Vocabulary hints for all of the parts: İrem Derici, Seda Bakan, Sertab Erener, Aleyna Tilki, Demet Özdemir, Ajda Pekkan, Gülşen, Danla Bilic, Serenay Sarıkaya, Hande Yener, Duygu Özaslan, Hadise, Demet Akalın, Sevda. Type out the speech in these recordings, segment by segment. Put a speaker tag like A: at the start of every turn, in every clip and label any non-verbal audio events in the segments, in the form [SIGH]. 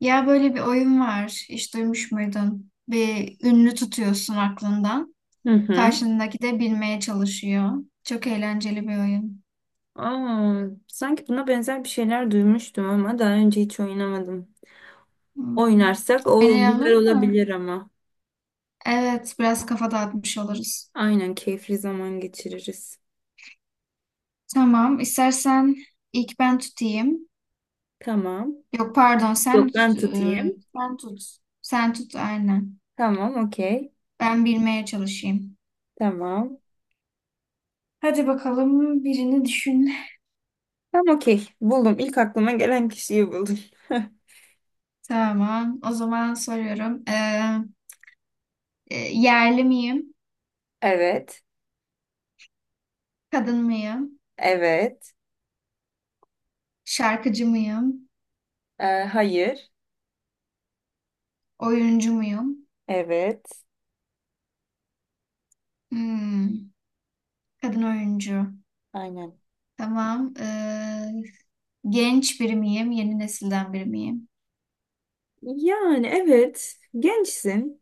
A: Ya böyle bir oyun var. Hiç duymuş muydun? Bir ünlü tutuyorsun aklından.
B: Hı hı.
A: Karşındaki de bilmeye çalışıyor. Çok eğlenceli bir oyun.
B: Aa, sanki buna benzer bir şeyler duymuştum ama daha önce hiç oynamadım.
A: Hmm.
B: Oynarsak o güzel
A: Oynayalım mı?
B: olabilir ama.
A: Evet, biraz kafa dağıtmış oluruz.
B: Aynen, keyifli zaman geçiririz.
A: Tamam, istersen ilk ben tutayım.
B: Tamam.
A: Yok pardon, sen
B: Yok,
A: tut.
B: ben tutayım.
A: Sen tut. Sen tut aynen.
B: Tamam, okey.
A: Ben bilmeye çalışayım.
B: Tamam.
A: Hadi bakalım birini düşün.
B: Tamam, okey. Buldum. İlk aklıma gelen kişiyi buldum. [LAUGHS]
A: Tamam, o zaman soruyorum. Yerli miyim?
B: Evet.
A: Kadın mıyım?
B: Evet.
A: Şarkıcı mıyım?
B: Hayır.
A: Oyuncu muyum?
B: Evet.
A: Hmm, kadın oyuncu.
B: Aynen.
A: Tamam. Genç biri miyim? Yeni nesilden biri miyim?
B: Yani evet. Gençsin.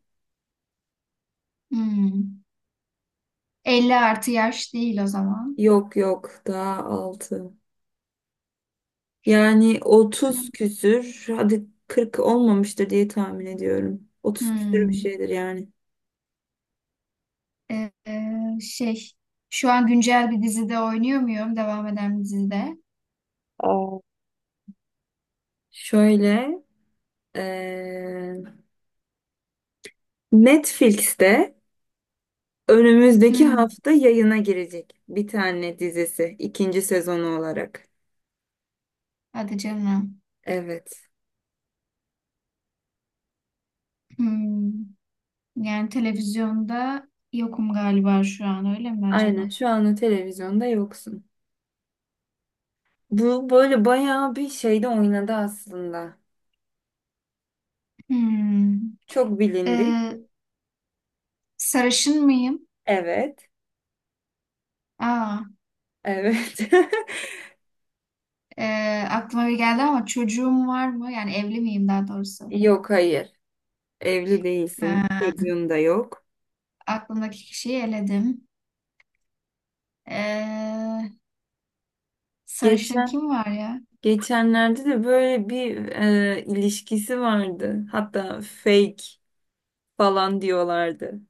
A: Hmm. 50 artı yaş değil o zaman.
B: Yok yok. Daha altı. Yani 30 küsür, hadi 40 olmamıştır diye tahmin ediyorum. 30 küsür bir
A: Hmm.
B: şeydir yani.
A: Ee, şey, Şu an güncel bir dizide oynuyor muyum? Devam eden bir dizide.
B: Aa, şöyle, eee, Netflix'te önümüzdeki
A: Hmm.
B: hafta yayına girecek bir tane dizisi, ikinci sezonu olarak.
A: Hadi canım.
B: Evet.
A: Hmm. Yani televizyonda yokum galiba şu an, öyle mi
B: Aynen,
A: acaba?
B: şu anda televizyonda yoksun. Bu böyle bayağı bir şeyde oynadı aslında.
A: Hmm.
B: Çok bilindik.
A: ee, Sarışın mıyım?
B: Evet.
A: Aa.
B: Evet. [LAUGHS]
A: e, Aklıma bir geldi, ama çocuğum var mı? Yani evli miyim daha doğrusu?
B: Yok, hayır. Evli değilsin.
A: Ha,
B: Çocuğun da yok.
A: aklımdaki kişiyi eledim. E, sarışın
B: Geçen
A: kim var ya?
B: geçenlerde de böyle bir ilişkisi vardı. Hatta fake falan diyorlardı.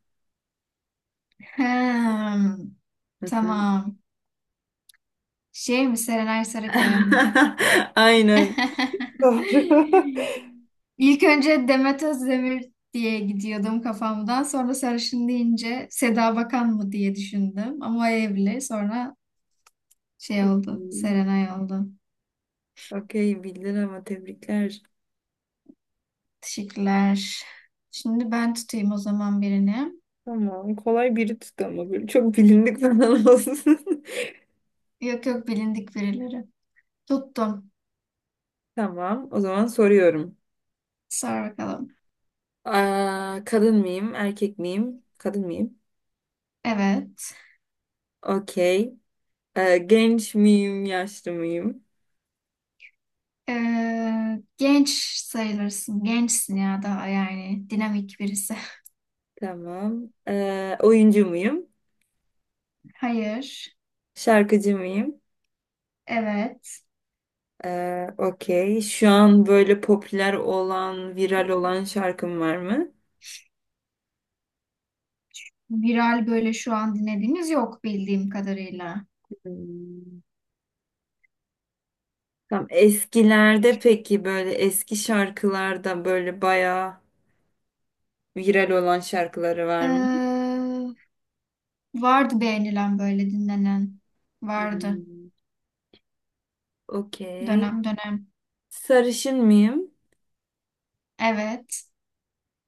A: Hmm,
B: Hı hı.
A: tamam. Şey mi? Serenay Sarıkaya mı?
B: [LAUGHS] Aynen.
A: [LAUGHS]
B: Doğru.
A: İlk önce Demet Özdemir diye gidiyordum kafamdan. Sonra sarışın deyince Seda Bakan mı diye düşündüm. Ama o evli. Sonra şey oldu. Serenay oldu.
B: [LAUGHS] Okey, bildin ama, tebrikler.
A: Teşekkürler. Şimdi ben tutayım o zaman birini.
B: Tamam, kolay biri tuttu ama böyle çok bilindik falan [LAUGHS] olsun.
A: Yok yok, bilindik birileri. Tuttum.
B: Tamam, o zaman soruyorum.
A: Sor bakalım.
B: Aa, kadın mıyım erkek miyim? Kadın mıyım?
A: Evet.
B: Okey. Genç miyim yaşlı mıyım?
A: Genç sayılırsın. Gençsin ya daha yani. Dinamik birisi.
B: Tamam. Oyuncu muyum?
A: [LAUGHS] Hayır.
B: Şarkıcı mıyım?
A: Evet.
B: Okey. Şu an böyle popüler olan, viral olan şarkım var mı?
A: Viral böyle şu an dinlediğimiz yok bildiğim kadarıyla.
B: Hmm. Tamam. Eskilerde peki, böyle eski şarkılarda böyle bayağı viral olan şarkıları var mı?
A: Ee, vardı beğenilen böyle dinlenen. Vardı.
B: Hmm, okey.
A: Dönem dönem.
B: Sarışın mıyım?
A: Evet.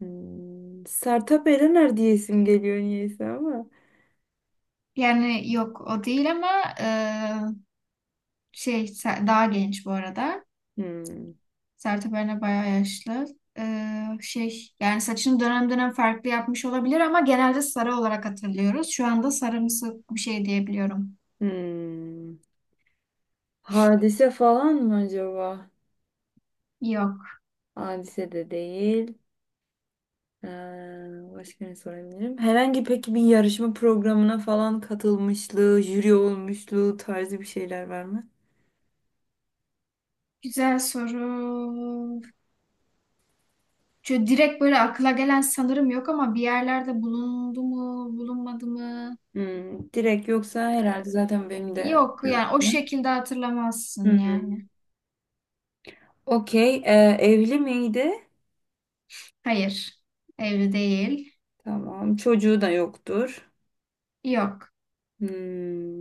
B: Hmm, Sertab Erener diye isim geliyor niyeyse ama.
A: Yani yok o değil, ama şey Ser- daha genç bu arada.
B: Hmm,
A: Sertab Erener bayağı yaşlı. Şey yani saçını dönem dönem farklı yapmış olabilir ama genelde sarı olarak hatırlıyoruz. Şu anda sarımsı bir şey diyebiliyorum.
B: hmm. Hadise falan mı acaba?
A: Yok.
B: Hadise de değil. Ee, Başka ne sorabilirim? Herhangi peki bir yarışma programına falan katılmışlığı, jüri olmuşluğu tarzı bir şeyler var mı?
A: Güzel soru. Şöyle direkt böyle akla gelen sanırım yok ama bir yerlerde bulundu mu, bulunmadı mı?
B: Hmm, direkt yoksa herhalde, zaten benim de
A: Yok
B: şey
A: yani o
B: yaptım.
A: şekilde hatırlamazsın
B: Hmm.
A: yani.
B: Okey. Evli miydi?
A: Hayır. Evli değil.
B: Tamam. Çocuğu da yoktur.
A: Yok.
B: Hmm.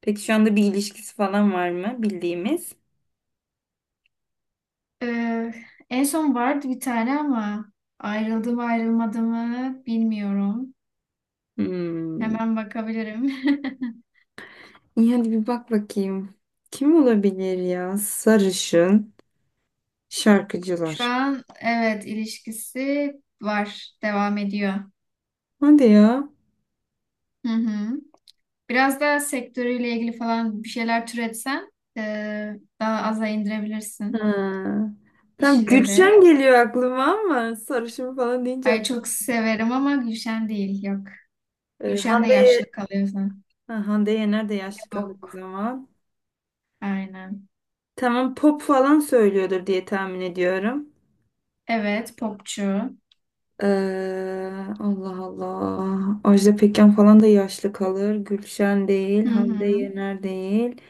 B: Peki şu anda bir ilişkisi falan var mı bildiğimiz?
A: Ee, En son vardı bir tane ama ayrıldı mı ayrılmadı mı bilmiyorum.
B: Hmm.
A: Hemen bakabilirim.
B: İyi, hadi bir bak bakayım. Kim olabilir ya? Sarışın
A: [LAUGHS] Şu
B: şarkıcılar.
A: an evet, ilişkisi var, devam ediyor.
B: Hadi ya.
A: Hı hı. Biraz da sektörüyle ilgili falan bir şeyler türetsen ee, daha aza indirebilirsin
B: Ha. Tam
A: kişileri.
B: Gülşen geliyor aklıma ama sarışın falan deyince
A: Ay çok severim ama Gülşen değil, yok. Gülşen de
B: Hande,
A: yaşlı kalıyor zaten.
B: Ha, Hande Yener de yaşlı kalır o
A: Yok,
B: zaman.
A: aynen.
B: Tamam, pop falan söylüyordur diye tahmin ediyorum.
A: Evet, popçu.
B: Allah Allah. Ajda Pekkan falan da yaşlı kalır. Gülşen değil,
A: Hı
B: Hande
A: hı.
B: Yener değil.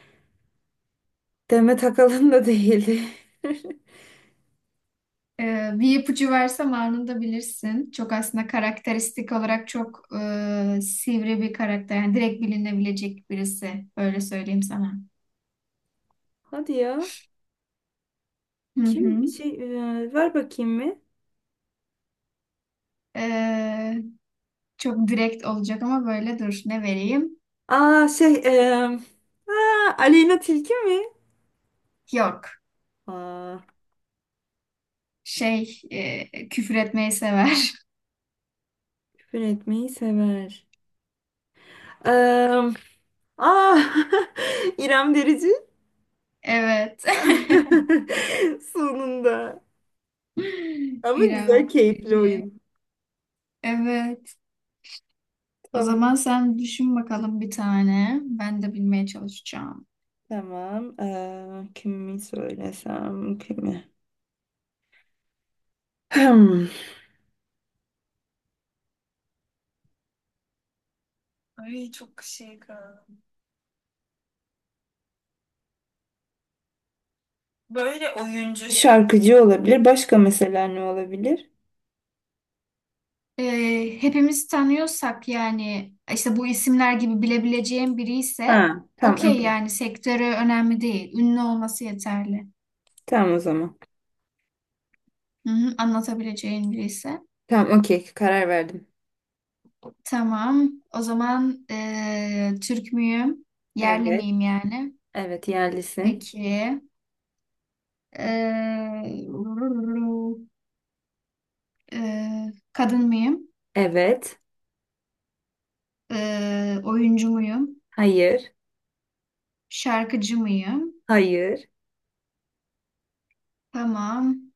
B: Demet Akalın da değildi. [LAUGHS]
A: Bir ipucu versem anında bilirsin. Çok aslında karakteristik olarak çok sivri bir karakter. Yani direkt bilinebilecek birisi. Öyle söyleyeyim sana.
B: Hadi ya.
A: Hı
B: Kim
A: hı.
B: şey ver bakayım mı?
A: Ee, Çok direkt olacak ama böyle dur. Ne vereyim?
B: Aa şey e, Aa, Aleyna Tilki mi?
A: Yok.
B: Aa.
A: Şey, küfür etmeyi sever. [LAUGHS]
B: Küfür etmeyi sever. Eee ah, [LAUGHS] İrem Derici.
A: Evet.
B: [LAUGHS] Sonunda.
A: [LAUGHS]
B: Ama güzel,
A: İrem
B: keyifli
A: Derici.
B: oyun.
A: Evet. O
B: Tamam.
A: zaman sen düşün bakalım bir tane. Ben de bilmeye çalışacağım.
B: Tamam. Kimi söylesem kimi? Hmm. Ay, çok şey kaldı. Böyle oyuncu. Şarkıcı olabilir. Başka mesela ne olabilir?
A: Hepimiz tanıyorsak yani işte bu isimler gibi bilebileceğim biri
B: Ha,
A: ise
B: tamam
A: okey,
B: okey.
A: yani sektörü önemli değil. Ünlü olması yeterli.
B: Tamam o zaman.
A: Hı hı, anlatabileceğin biri ise.
B: Tamam okey. Karar verdim.
A: Tamam. O zaman Türk müyüm? Yerli
B: Evet.
A: miyim yani?
B: Evet, yerlisin.
A: Peki. E, e, Kadın mıyım?
B: Evet.
A: E, oyuncu muyum?
B: Hayır.
A: Şarkıcı mıyım?
B: Hayır.
A: Tamam.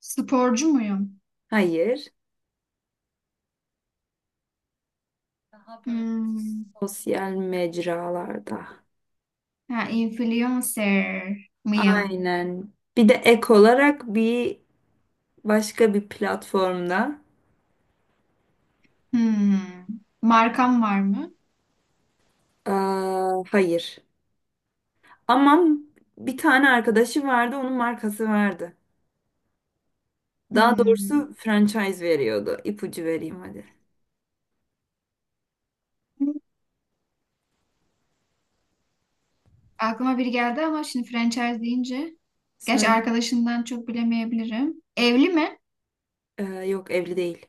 A: Sporcu muyum?
B: Hayır. Daha böyle
A: Hmm.
B: sosyal mecralarda.
A: Ha, influencer mıyım?
B: Aynen. Bir de ek olarak bir başka bir platformda.
A: Hmm. Markam var mı?
B: Aa, hayır. Ama bir tane arkadaşı vardı, onun markası vardı. Daha
A: Hmm.
B: doğrusu franchise veriyordu. İpucu vereyim hadi.
A: Aklıma biri geldi ama şimdi franchise deyince. Gerçi
B: Söyle.
A: arkadaşından çok bilemeyebilirim. Evli mi?
B: Yok, evli değil.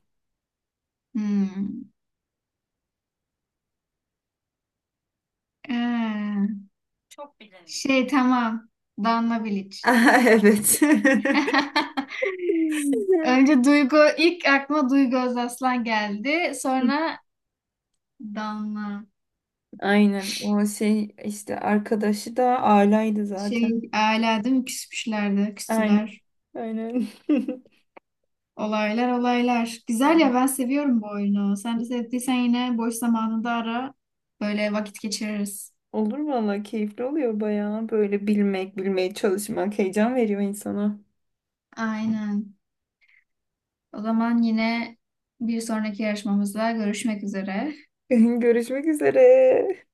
A: Hmm. Ee,
B: [LAUGHS] Çok bilindik.
A: tamam. Danla Bilic.
B: Evet. [LAUGHS]
A: [LAUGHS] Önce Duygu, ilk aklıma Duygu Özaslan geldi. Sonra Danla.
B: Aynen. O şey, işte arkadaşı da alaydı zaten.
A: Şey, ailedim küsmüşlerdi,
B: Aynen.
A: küstüler.
B: Aynen. [LAUGHS]
A: Olaylar olaylar. Güzel ya,
B: Tamam.
A: ben seviyorum bu oyunu. Sen de sevdiysen yine boş zamanında ara. Böyle vakit geçiririz.
B: Olur valla, keyifli oluyor bayağı. Böyle bilmek, bilmeye çalışmak heyecan veriyor insana.
A: Aynen. O zaman yine bir sonraki yarışmamızda görüşmek üzere.
B: [LAUGHS] Görüşmek üzere.